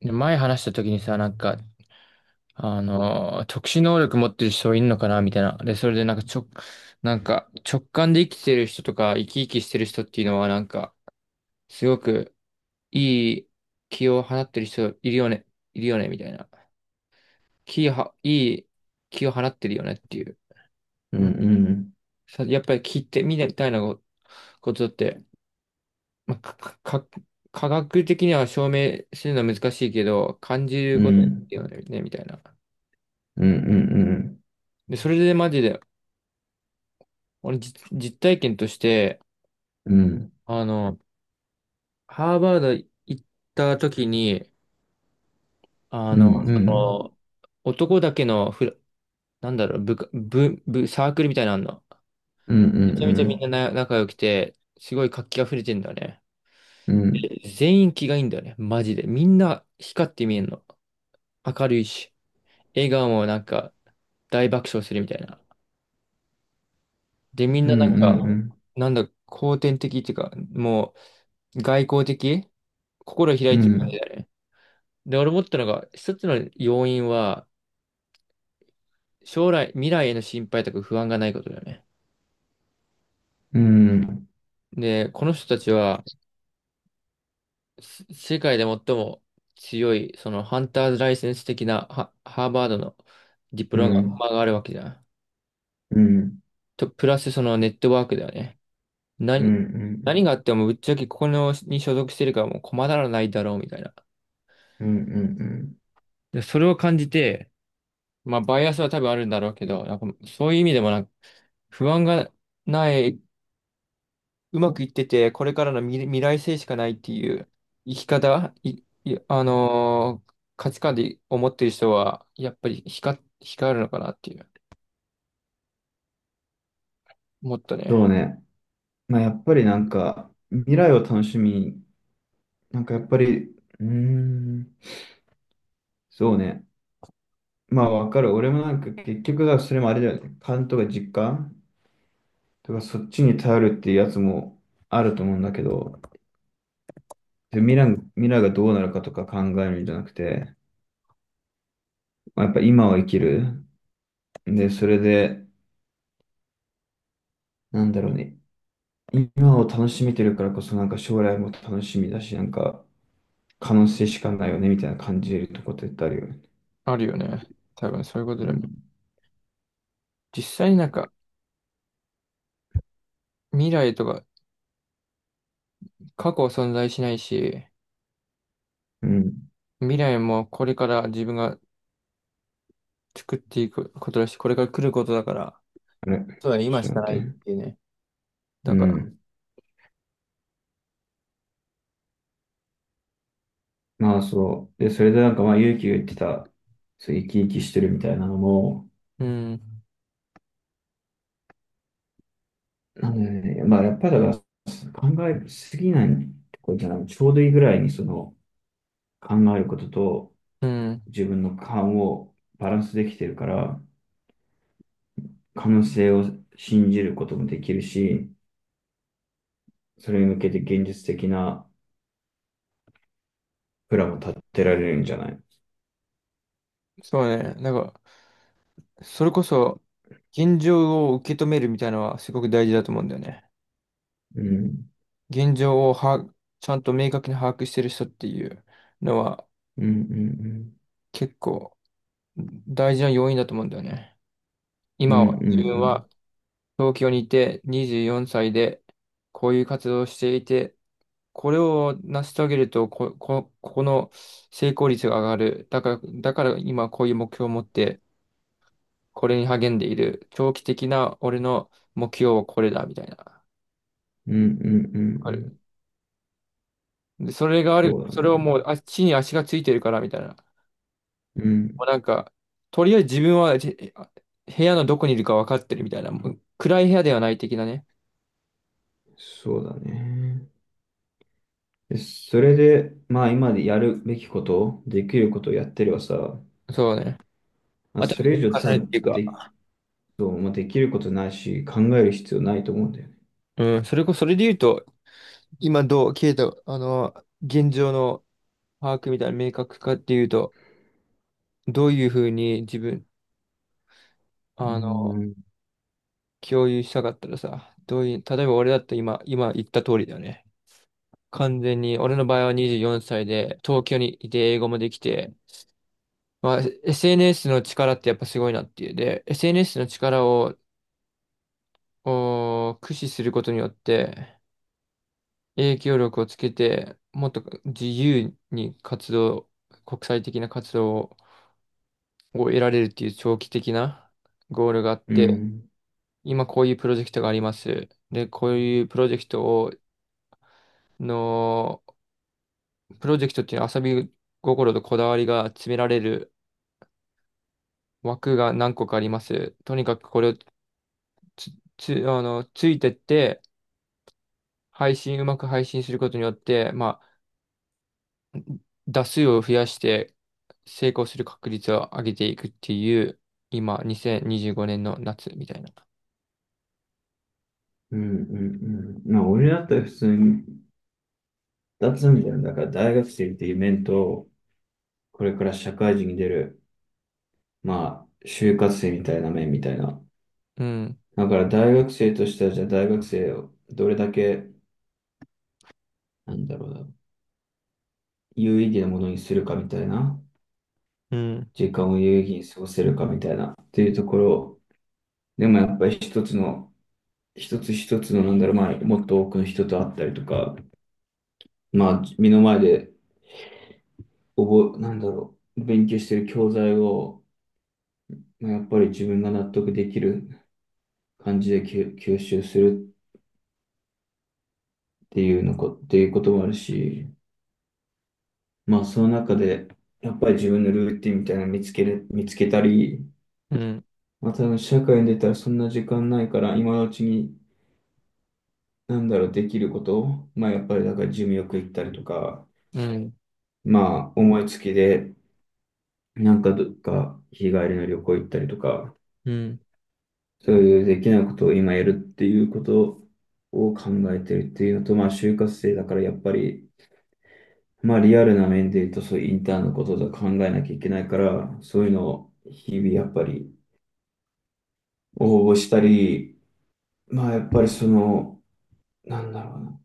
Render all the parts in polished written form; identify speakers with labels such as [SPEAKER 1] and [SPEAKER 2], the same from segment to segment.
[SPEAKER 1] で前話した時にさ、なんか、特殊能力持ってる人いんのかなみたいな。で、それでなんかなんか直感で生きてる人とか生き生きしてる人っていうのはなんか、すごくいい気を放ってる人いるよね、いるよね、みたいな。気をは、いい気を放ってるよねっていう。
[SPEAKER 2] うん
[SPEAKER 1] あの
[SPEAKER 2] うん。
[SPEAKER 1] さやっぱり聞いてみたいなことって、まあ、か、か、か科学的には証明するのは難しいけど、感じる
[SPEAKER 2] う
[SPEAKER 1] ことだ
[SPEAKER 2] ん
[SPEAKER 1] よね、みたいな。
[SPEAKER 2] うん。うんうん。
[SPEAKER 1] で、それでマジで、俺、実体験として、
[SPEAKER 2] うん
[SPEAKER 1] あの、ハーバード行った時に、あ
[SPEAKER 2] う
[SPEAKER 1] の、
[SPEAKER 2] ん。うん
[SPEAKER 1] その男だけのフラ、なんだろう、部下、部、部、サークルみたいなのあんの。
[SPEAKER 2] うん。う
[SPEAKER 1] めちゃめちゃみん
[SPEAKER 2] ん
[SPEAKER 1] なな仲良くて、すごい活気あふれてんだよね。
[SPEAKER 2] うん。うん
[SPEAKER 1] 全員気がいいんだよね、マジで。みんな光って見えんの。明るいし、笑顔もなんか大爆笑するみたいな。で、みん
[SPEAKER 2] うん。
[SPEAKER 1] な
[SPEAKER 2] う
[SPEAKER 1] なんか、
[SPEAKER 2] ん
[SPEAKER 1] なんだ、後天的っていうか、もう外交的心開
[SPEAKER 2] う
[SPEAKER 1] いてる感じ
[SPEAKER 2] ん。
[SPEAKER 1] だね。で、俺思ったのが、一つの要因は、将来、未来への心配とか不安がないことだよね。で、この人たちは、世界で最も強い、そのハンターズライセンス的なハーバードのディプロマがあるわけじゃん。と、プラスそのネットワークだよね。
[SPEAKER 2] う
[SPEAKER 1] 何、何
[SPEAKER 2] ん
[SPEAKER 1] があってもぶっちゃけここのに所属してるからもう困らないだろうみたいな。
[SPEAKER 2] うん。
[SPEAKER 1] で、それを感じて、まあバイアスは多分あるんだろうけど、なんかそういう意味でもなんか不安がない、うまくいってて、これからの未来性しかないっていう生き方、い、いあのー価値観で思ってる人は、やっぱり光るのかなっていう、もっと
[SPEAKER 2] そう
[SPEAKER 1] ね、
[SPEAKER 2] ね。まあやっぱりなんか未来を楽しみに、なんかやっぱり、うーん、そうね。まあわかる。俺もなんか結局はそれもあれだよね。勘とか実感とかそっちに頼るっていうやつもあると思うんだけど、で未来がどうなるかとか考えるんじゃなくて、まあやっぱ今を生きる。で、それで、なんだろうね。今を楽しめてるからこそ、なんか将来も楽しみだし、なんか可能性しかないよね、みたいな感じるとこってあるよね。
[SPEAKER 1] あるよね。多分そういうこと
[SPEAKER 2] う
[SPEAKER 1] だよな。
[SPEAKER 2] ん。
[SPEAKER 1] 実際になんか、未来とか過去は存在しないし、
[SPEAKER 2] うん。
[SPEAKER 1] 未来もこれから自分が作っていくことだし、これから来ることだから、
[SPEAKER 2] あれ、
[SPEAKER 1] そうだね、今
[SPEAKER 2] ちょ
[SPEAKER 1] しか
[SPEAKER 2] っ
[SPEAKER 1] な
[SPEAKER 2] と待
[SPEAKER 1] いっ
[SPEAKER 2] って。
[SPEAKER 1] ていうね。
[SPEAKER 2] う
[SPEAKER 1] だから、
[SPEAKER 2] ん。まあそう。で、それでなんかまあ、勇気が言ってた、そう、生き生きしてるみたいなのも、
[SPEAKER 1] うん、
[SPEAKER 2] なんだよね。まあやっぱりだから、考えすぎないとこじゃない。ちょうどいいぐらいにその、考えることと、
[SPEAKER 1] うん、
[SPEAKER 2] 自分の勘をバランスできてるから、可能性を信じることもできるし、それに向けて現実的なプランを立てられるんじゃない。
[SPEAKER 1] そうね、なんか、それこそ、現状を受け止めるみたいなのはすごく大事だと思うんだよね。
[SPEAKER 2] うん。
[SPEAKER 1] 現状をは、ちゃんと明確に把握してる人っていうのは
[SPEAKER 2] うんうん
[SPEAKER 1] 結構大事な要因だと思うんだよね。
[SPEAKER 2] うん。う
[SPEAKER 1] 今
[SPEAKER 2] んう
[SPEAKER 1] は
[SPEAKER 2] ん
[SPEAKER 1] 自
[SPEAKER 2] う
[SPEAKER 1] 分
[SPEAKER 2] ん。
[SPEAKER 1] は東京にいて24歳でこういう活動をしていて、これを成し遂げるとこ、こ、ここの成功率が上がる。だから今こういう目標を持ってこれに励んでいる。長期的な俺の目標はこれだみたいな。わ
[SPEAKER 2] うんうんう
[SPEAKER 1] かる。
[SPEAKER 2] ん
[SPEAKER 1] で、それ
[SPEAKER 2] うん。
[SPEAKER 1] がある、
[SPEAKER 2] そう
[SPEAKER 1] そ
[SPEAKER 2] だ
[SPEAKER 1] れをもう、
[SPEAKER 2] ね。
[SPEAKER 1] 地に足がついてるからみたいな。
[SPEAKER 2] う
[SPEAKER 1] もう
[SPEAKER 2] ん。
[SPEAKER 1] なんか、とりあえず自分は部屋のどこにいるか分かってるみたいな。もう暗い部屋ではない的なね。
[SPEAKER 2] そうだね。でそれで、まあ今までやるべきこと、できることをやってればさ、
[SPEAKER 1] そうね。
[SPEAKER 2] まあ、
[SPEAKER 1] あと、
[SPEAKER 2] そ
[SPEAKER 1] 重
[SPEAKER 2] れ以上多
[SPEAKER 1] ねっ
[SPEAKER 2] 分
[SPEAKER 1] ていう
[SPEAKER 2] で、
[SPEAKER 1] か、
[SPEAKER 2] そうまあできることないし、考える必要ないと思うんだよね。
[SPEAKER 1] うん、それで言うと、今どう、ケイト、あの、現状の把握みたいな明確化っていうと、どういうふうに自分、
[SPEAKER 2] う
[SPEAKER 1] あの、
[SPEAKER 2] ん。
[SPEAKER 1] 共有したかったらさ、どういう、例えば俺だったら今言った通りだよね。完全に、俺の場合は24歳で、東京にいて英語もできて、まあ、SNS の力ってやっぱすごいなっていう。で、SNS の力を、駆使することによって、影響力をつけて、もっと自由に活動、国際的な活動を得られるっていう長期的なゴールがあっ
[SPEAKER 2] う
[SPEAKER 1] て、
[SPEAKER 2] ん。
[SPEAKER 1] 今こういうプロジェクトがあります。で、こういうプロジェクトを、の、プロジェクトっていうのは遊び心とこだわりが詰められる枠が何個かあります。とにかくこれをつ、つ、あの、ついてって、配信、うまく配信することによって、まあ、打数を増やして成功する確率を上げていくっていう、今、2025年の夏みたいな。
[SPEAKER 2] うんうんうん。まあ、俺だったら普通に2つあるじゃん。だから大学生っていう面と、これから社会人に出る、まあ、就活生みたいな面みたいな。
[SPEAKER 1] うん、
[SPEAKER 2] だから大学生としては、じゃあ大学生をどれだけ、なんだろうな、有意義なものにするかみたいな、
[SPEAKER 1] うん、
[SPEAKER 2] 時間を有意義に過ごせるかみたいな、っていうところ、でもやっぱり一つ一つの、なんだろう、まあ、もっと多くの人と会ったりとか、まあ、目の前で、なんだろう、勉強してる教材を、まあやっぱり自分が納得できる感じで吸収するっていうこともあるし、まあその中で、やっぱり自分のルーティンみたいなの見つけたり、
[SPEAKER 1] うん、
[SPEAKER 2] まあ多分社会に出たらそんな時間ないから、今のうちに、なんだろう、できることを、まあやっぱりだからジムよく行ったりとか、
[SPEAKER 1] うん、
[SPEAKER 2] まあ思いつきで、なんかどっか日帰りの旅行行ったりとか、
[SPEAKER 1] うん、
[SPEAKER 2] そういうできないことを今やるっていうことを考えてるっていうのと、まあ就活生だからやっぱり、まあリアルな面で言うと、そういうインターンのこととか考えなきゃいけないから、そういうのを日々やっぱり応募したり、まあやっぱりその、なんだろうな。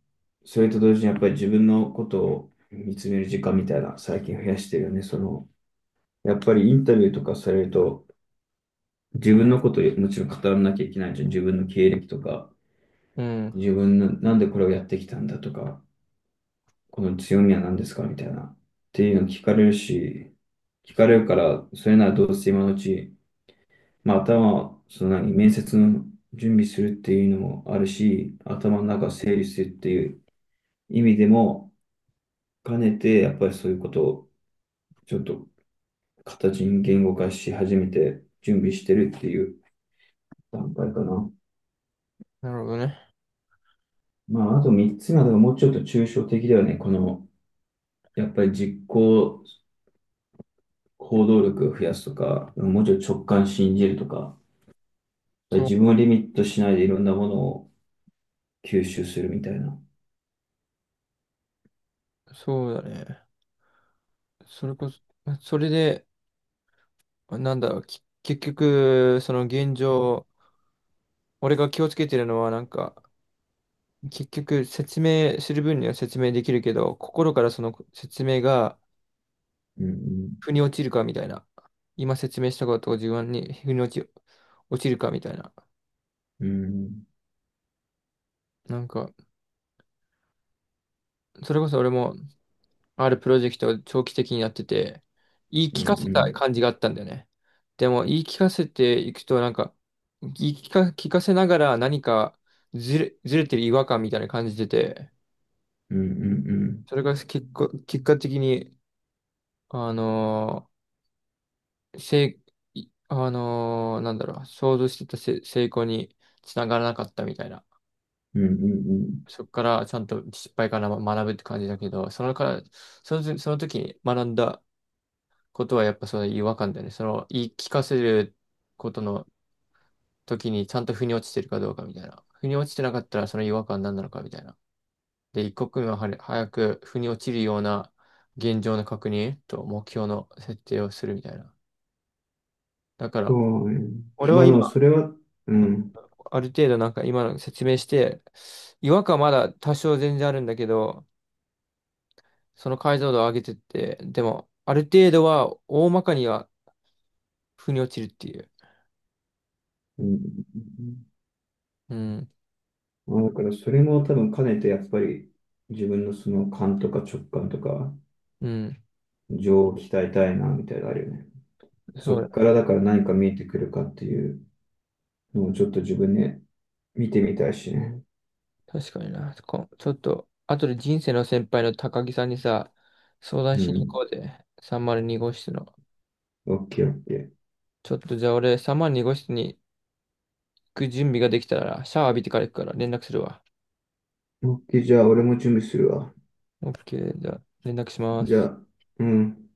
[SPEAKER 2] それと同時にやっぱり自分のことを見つめる時間みたいな、最近増やしてるよね。その、やっぱりインタビューとかされると、自分のことをもちろん語らなきゃいけないじゃん。自分の経歴とか、
[SPEAKER 1] うん。
[SPEAKER 2] 自分のなんでこれをやってきたんだとか、この強みは何ですかみたいな。っていうの聞かれるし、聞かれるから、それならどうせ今のうち、まあ、頭、その何、面接の準備するっていうのもあるし、頭の中整理するっていう意味でも兼ねて、やっぱりそういうことをちょっと形に言語化し始めて準備してるっていう段階かな。
[SPEAKER 1] なるほどね。
[SPEAKER 2] まあ、あと3つ目はだもうちょっと抽象的だよね。この、やっぱり行動力を増やすとか、もうちょっと直感信じるとか、やっぱり自分
[SPEAKER 1] そ
[SPEAKER 2] をリミットしないでいろんなものを吸収するみたいな。
[SPEAKER 1] そうだね。それこそ、それで、なんだろう、結局、その現状、俺が気をつけてるのは、なんか、結局、説明する分には説明できるけど、心からその説明が、
[SPEAKER 2] うん
[SPEAKER 1] 腑に落ちるかみたいな。今説明したことを自分に腑に落ち、落ちるかみたいな。
[SPEAKER 2] うん。うんうん。
[SPEAKER 1] なんか、それこそ俺も、あるプロジェクトを長期的にやってて、言い
[SPEAKER 2] うん
[SPEAKER 1] 聞かせ
[SPEAKER 2] う
[SPEAKER 1] た感
[SPEAKER 2] ん
[SPEAKER 1] じがあったんだよね。でも、言い聞かせていくと、なんか、言い聞か、聞かせながら何かずれてる違和感みたいな感じでて、
[SPEAKER 2] うんうんうん。
[SPEAKER 1] それが結果、結果的に、あのーせい、いあのーなんだろう、想像してた成功につながらなかったみたいな。
[SPEAKER 2] うんうんうん。
[SPEAKER 1] そこからちゃんと失敗から学ぶって感じだけど、そのから、その時、その時に学んだことはやっぱその違和感だよね。その言い聞かせることの時にちゃんと腑に落ちてるかどうかみたいな。腑に落ちてなかったらその違和感何なのかみたいな。で、一刻も早く腑に落ちるような現状の確認と目標の設定をするみたいな。だから、
[SPEAKER 2] そうね。
[SPEAKER 1] 俺
[SPEAKER 2] ま
[SPEAKER 1] は
[SPEAKER 2] あでも
[SPEAKER 1] 今、
[SPEAKER 2] それは、うん。
[SPEAKER 1] ある程度なんか今の説明して、違和感まだ多少全然あるんだけど、その解像度を上げてって、でも、ある程度は大まかには腑に落ちるっていう。
[SPEAKER 2] うんうんうん。
[SPEAKER 1] うん、
[SPEAKER 2] まあだからそれも多分兼ねてやっぱり自分のその勘とか直感とか
[SPEAKER 1] うん、
[SPEAKER 2] 情を鍛えたいなみたいなのあるよね。そ
[SPEAKER 1] そう
[SPEAKER 2] っ
[SPEAKER 1] だ、
[SPEAKER 2] からだから何か見えてくるかっていうのをちょっと自分で見てみたいしね。
[SPEAKER 1] 確かにな。ちょっと、後で人生の先輩の高木さんにさ、相談
[SPEAKER 2] う
[SPEAKER 1] しに行
[SPEAKER 2] ん。
[SPEAKER 1] こうぜ。302号室の。
[SPEAKER 2] オッケーオッケー。
[SPEAKER 1] ちょっとじゃあ俺、302号室に行く準備ができたら、シャワー浴びてから行くから連絡するわ。
[SPEAKER 2] オッケーじゃあ俺も準備するわ。
[SPEAKER 1] OK、じゃあ連絡しま
[SPEAKER 2] じゃ
[SPEAKER 1] す。
[SPEAKER 2] あ、うん。